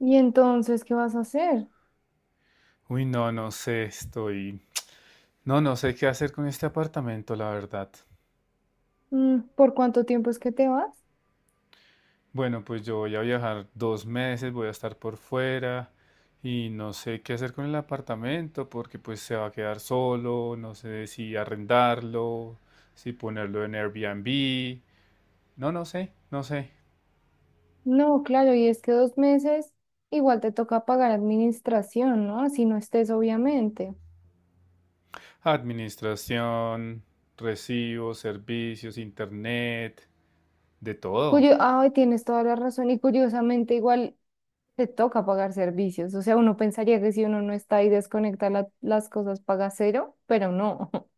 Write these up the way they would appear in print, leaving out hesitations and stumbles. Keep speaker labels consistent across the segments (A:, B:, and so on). A: Y entonces, ¿qué vas a hacer?
B: Uy, no, no sé, No, no sé qué hacer con este apartamento, la verdad.
A: Mm, ¿Por cuánto tiempo es que te vas?
B: Bueno, pues yo voy a viajar 2 meses, voy a estar por fuera y no sé qué hacer con el apartamento porque pues se va a quedar solo, no sé si arrendarlo, si ponerlo en Airbnb. No, no sé, no sé.
A: No, claro, y es que 2 meses igual te toca pagar administración, ¿no? Si no estés, obviamente.
B: Administración, recibos, servicios, internet, de todo.
A: Cuyo, ay, tienes toda la razón. Y curiosamente, igual te toca pagar servicios. O sea, uno pensaría que si uno no está y desconecta las cosas, paga cero, pero no.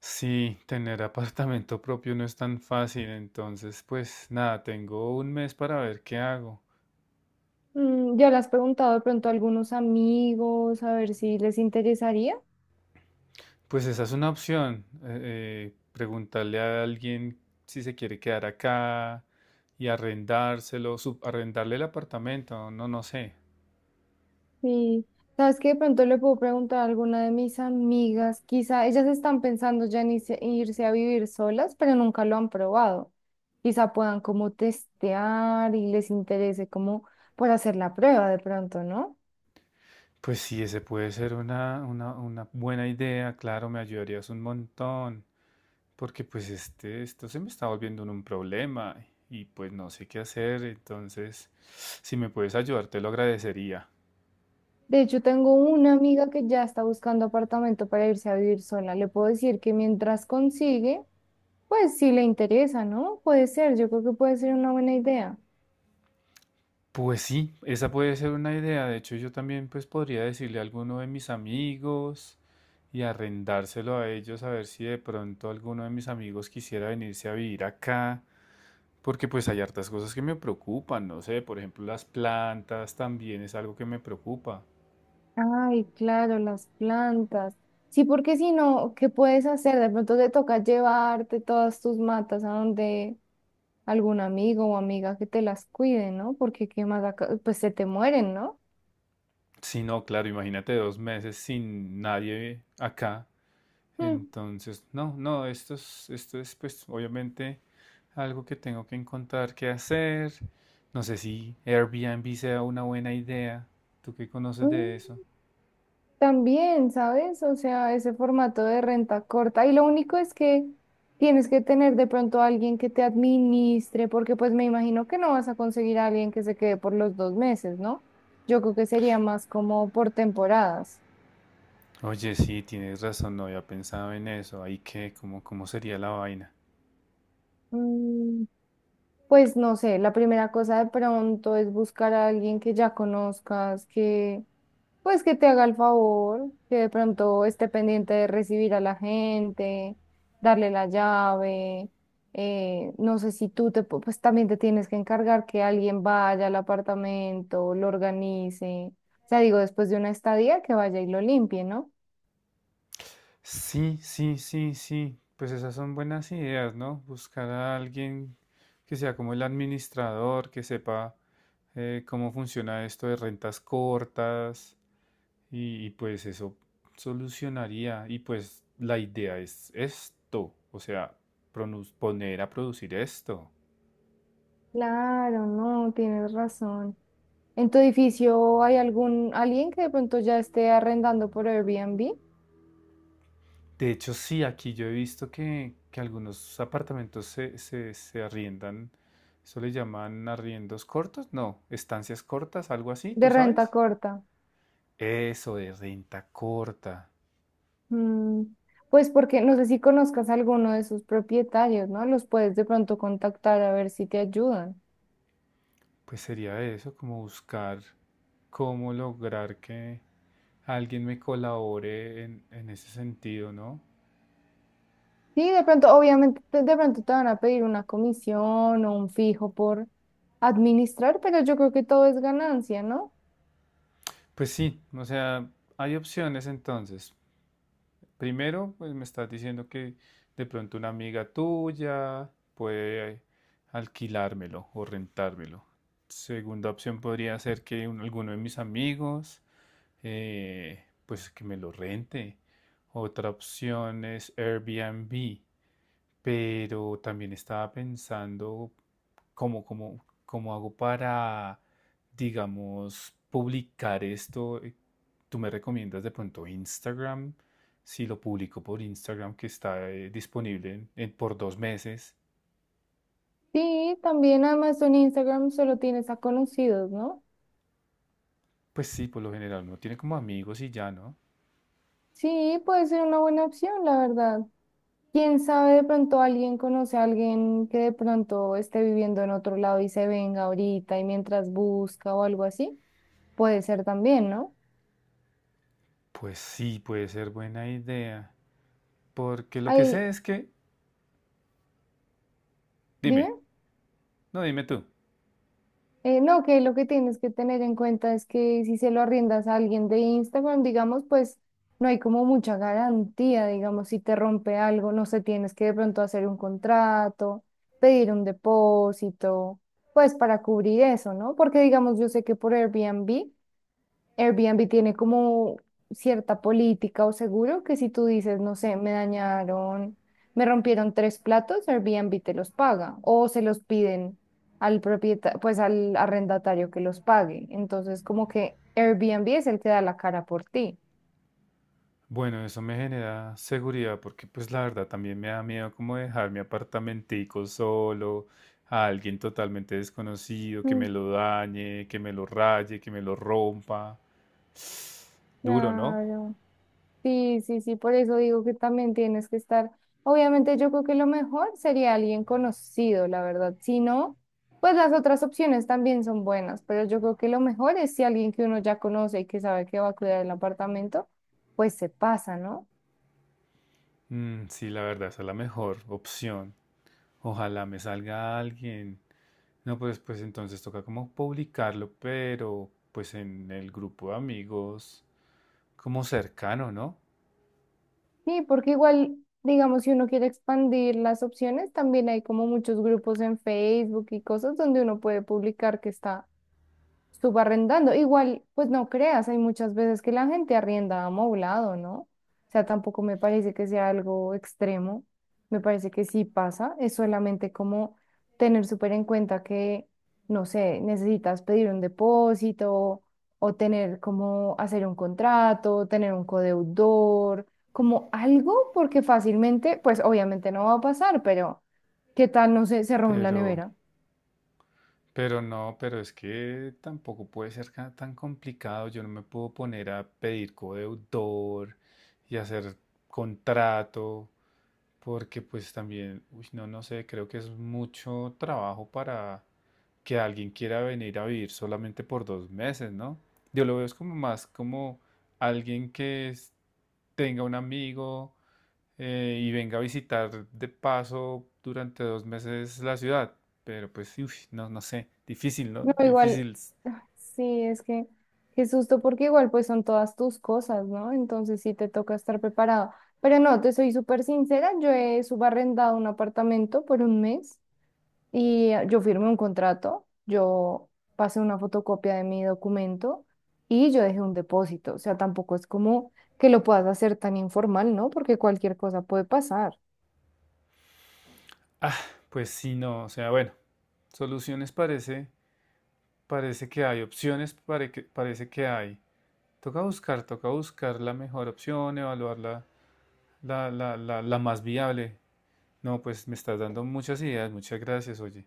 B: Sí, tener apartamento propio no es tan fácil, entonces pues nada, tengo un mes para ver qué hago.
A: Mm, ya le has preguntado de pronto a algunos amigos a ver si les interesaría.
B: Pues esa es una opción, preguntarle a alguien si se quiere quedar acá y arrendárselo, subarrendarle el apartamento, no, no sé.
A: Sí, sabes que de pronto le puedo preguntar a alguna de mis amigas, quizá ellas están pensando ya en irse a vivir solas, pero nunca lo han probado. Quizá puedan como testear y les interese como por hacer la prueba de pronto, ¿no?
B: Pues sí, ese puede ser una buena idea, claro, me ayudarías un montón. Porque pues esto se me está volviendo un problema y pues no sé qué hacer, entonces si me puedes ayudar te lo agradecería.
A: De hecho, tengo una amiga que ya está buscando apartamento para irse a vivir sola. Le puedo decir que mientras consigue, pues si le interesa, ¿no? Puede ser, yo creo que puede ser una buena idea.
B: Pues sí, esa puede ser una idea. De hecho, yo también pues podría decirle a alguno de mis amigos y arrendárselo a ellos a ver si de pronto alguno de mis amigos quisiera venirse a vivir acá. Porque pues hay hartas cosas que me preocupan, no sé, por ejemplo las plantas también es algo que me preocupa.
A: Ay, claro, las plantas. Sí, porque si no, ¿qué puedes hacer? De pronto te toca llevarte todas tus matas a donde algún amigo o amiga que te las cuide, ¿no? Porque qué más acá, pues se te mueren, ¿no?
B: Si no, claro, imagínate 2 meses sin nadie acá.
A: Mm.
B: Entonces, no, no, esto es pues obviamente algo que tengo que encontrar qué hacer. No sé si Airbnb sea una buena idea. ¿Tú qué conoces de
A: Mm,
B: eso?
A: También, ¿sabes? O sea, ese formato de renta corta. Y lo único es que tienes que tener de pronto a alguien que te administre, porque pues me imagino que no vas a conseguir a alguien que se quede por los 2 meses, ¿no? Yo creo que sería más como por temporadas.
B: Oye, sí, tienes razón, no había pensado en eso. Ahí qué, cómo sería la vaina.
A: Mm, Pues no sé, la primera cosa de pronto es buscar a alguien que ya conozcas, que pues que te haga el favor, que de pronto esté pendiente de recibir a la gente, darle la llave. No sé si tú pues también te tienes que encargar que alguien vaya al apartamento, lo organice. O sea, digo, después de una estadía que vaya y lo limpie, ¿no?
B: Sí, sí, sí, sí. Pues esas son buenas ideas, ¿no? Buscar a alguien que sea como el administrador, que sepa cómo funciona esto de rentas cortas. Y pues eso solucionaría. Y pues la idea es esto, o sea, poner a producir esto.
A: Claro, no, tienes razón. ¿En tu edificio hay algún alguien que de pronto ya esté arrendando por Airbnb
B: De hecho, sí, aquí yo he visto que algunos apartamentos se arriendan. Eso le llaman arriendos cortos, no, estancias cortas, algo así,
A: de
B: ¿tú
A: renta
B: sabes?
A: corta?
B: Eso de renta corta.
A: Mm, pues porque no sé si conozcas a alguno de sus propietarios, ¿no? Los puedes de pronto contactar a ver si te ayudan.
B: Pues sería eso, como buscar cómo lograr que alguien me colabore en ese sentido, ¿no?
A: Sí, de pronto, obviamente, de pronto te van a pedir una comisión o un fijo por administrar, pero yo creo que todo es ganancia, ¿no?
B: Pues sí, o sea, hay opciones entonces. Primero, pues me estás diciendo que de pronto una amiga tuya puede alquilármelo o rentármelo. Segunda opción podría ser que alguno de mis amigos, pues que me lo rente. Otra opción es Airbnb, pero también estaba pensando cómo hago para, digamos, publicar esto. ¿Tú me recomiendas de pronto Instagram? Si lo publico por Instagram, que está disponible por 2 meses.
A: Sí, también además en Instagram solo tienes a conocidos, ¿no?
B: Pues sí, por lo general uno tiene como amigos y ya, ¿no?
A: Sí, puede ser una buena opción, la verdad. ¿Quién sabe de pronto alguien conoce a alguien que de pronto esté viviendo en otro lado y se venga ahorita y mientras busca o algo así? Puede ser también, ¿no?
B: Pues sí, puede ser buena idea. Porque lo que
A: Ay,
B: sé es que... Dime,
A: dime.
B: no, dime tú.
A: No, que lo que tienes que tener en cuenta es que si se lo arriendas a alguien de Instagram, digamos, pues no hay como mucha garantía, digamos, si te rompe algo, no sé, tienes que de pronto hacer un contrato, pedir un depósito, pues para cubrir eso, ¿no? Porque digamos, yo sé que por Airbnb tiene como cierta política o seguro que si tú dices, no sé, me dañaron, me rompieron 3 platos, Airbnb te los paga o se los piden al propietario, pues al arrendatario que los pague. Entonces, como que Airbnb es el que da la cara por ti.
B: Bueno, eso me genera seguridad porque pues la verdad también me da miedo como dejar mi apartamentico solo a alguien totalmente desconocido, que me
A: Mm,
B: lo dañe, que me lo raye, que me lo rompa. Duro, ¿no?
A: Claro. Sí, sí, sí, por eso digo que también tienes que estar. Obviamente yo creo que lo mejor sería alguien conocido, la verdad. Si no, pues las otras opciones también son buenas, pero yo creo que lo mejor es si alguien que uno ya conoce y que sabe que va a cuidar el apartamento, pues se pasa, ¿no?
B: Mm, sí, la verdad, esa es la mejor opción. Ojalá me salga alguien. No, pues entonces toca como publicarlo, pero pues en el grupo de amigos, como cercano, ¿no?
A: Sí, porque igual, digamos, si uno quiere expandir las opciones, también hay como muchos grupos en Facebook y cosas donde uno puede publicar que está subarrendando. Igual, pues no creas, hay muchas veces que la gente arrienda amoblado, ¿no? O sea, tampoco me parece que sea algo extremo. Me parece que sí pasa. Es solamente como tener súper en cuenta que, no sé, necesitas pedir un depósito o tener como hacer un contrato, tener un codeudor, como algo, porque fácilmente, pues obviamente no va a pasar, pero ¿qué tal, no sé, se roben la
B: Pero...
A: nevera?
B: Pero no, pero es que tampoco puede ser tan complicado. Yo no me puedo poner a pedir codeudor y hacer contrato, porque pues también, uy, no, no sé, creo que es mucho trabajo para que alguien quiera venir a vivir solamente por 2 meses, ¿no? Yo lo veo es como más como alguien que tenga un amigo, y venga a visitar de paso durante 2 meses la ciudad. Pero pues, uf, no, no sé, difícil, ¿no?
A: No, igual,
B: Difícil.
A: ah, sí, es que qué susto, porque igual pues son todas tus cosas, ¿no? Entonces sí te toca estar preparado. Pero no, te soy súper sincera, yo he subarrendado un apartamento por un mes y yo firmé un contrato, yo pasé una fotocopia de mi documento y yo dejé un depósito. O sea, tampoco es como que lo puedas hacer tan informal, ¿no? Porque cualquier cosa puede pasar.
B: Ah, pues sí, no, o sea, bueno, soluciones parece que hay, opciones parece que hay. Toca buscar la mejor opción, evaluar la más viable. No, pues me estás dando muchas ideas, muchas gracias, oye.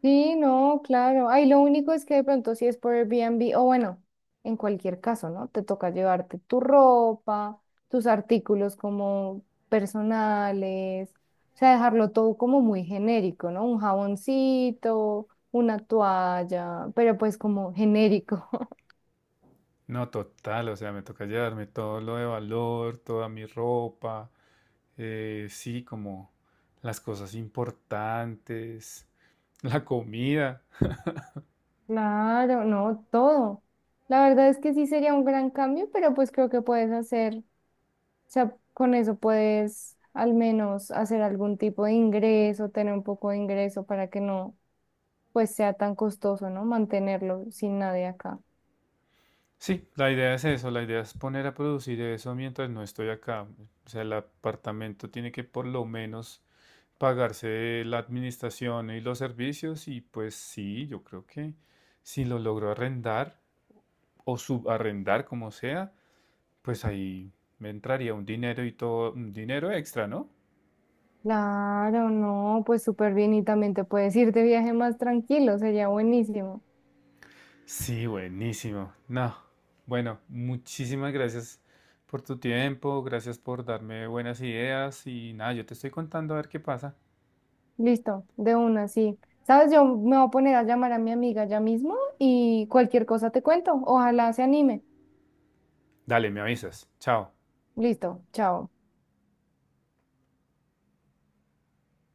A: Sí, no, claro. Ay, lo único es que de pronto si es por Airbnb, o bueno, en cualquier caso, ¿no? Te toca llevarte tu ropa, tus artículos como personales, o sea, dejarlo todo como muy genérico, ¿no? Un jaboncito, una toalla, pero pues como genérico.
B: No, total, o sea, me toca llevarme todo lo de valor, toda mi ropa, sí, como las cosas importantes, la comida.
A: Claro, no, todo. La verdad es que sí sería un gran cambio, pero pues creo que puedes hacer. O sea, con eso puedes al menos hacer algún tipo de ingreso, tener un poco de ingreso para que no, pues sea tan costoso, ¿no? Mantenerlo sin nadie acá.
B: Sí, la idea es eso, la idea es poner a producir eso mientras no estoy acá. O sea, el apartamento tiene que por lo menos pagarse la administración y los servicios y pues sí, yo creo que si lo logro arrendar o subarrendar como sea, pues ahí me entraría un dinero y todo, un dinero extra, ¿no?
A: Claro, no, pues súper bien y también te puedes ir de viaje más tranquilo, sería buenísimo.
B: Sí, buenísimo. No, bueno, muchísimas gracias por tu tiempo, gracias por darme buenas ideas y nada, yo te estoy contando a ver qué pasa.
A: Listo, de una, sí. ¿Sabes? Yo me voy a poner a llamar a mi amiga ya mismo y cualquier cosa te cuento. Ojalá se anime.
B: Dale, me avisas. Chao.
A: Listo, chao.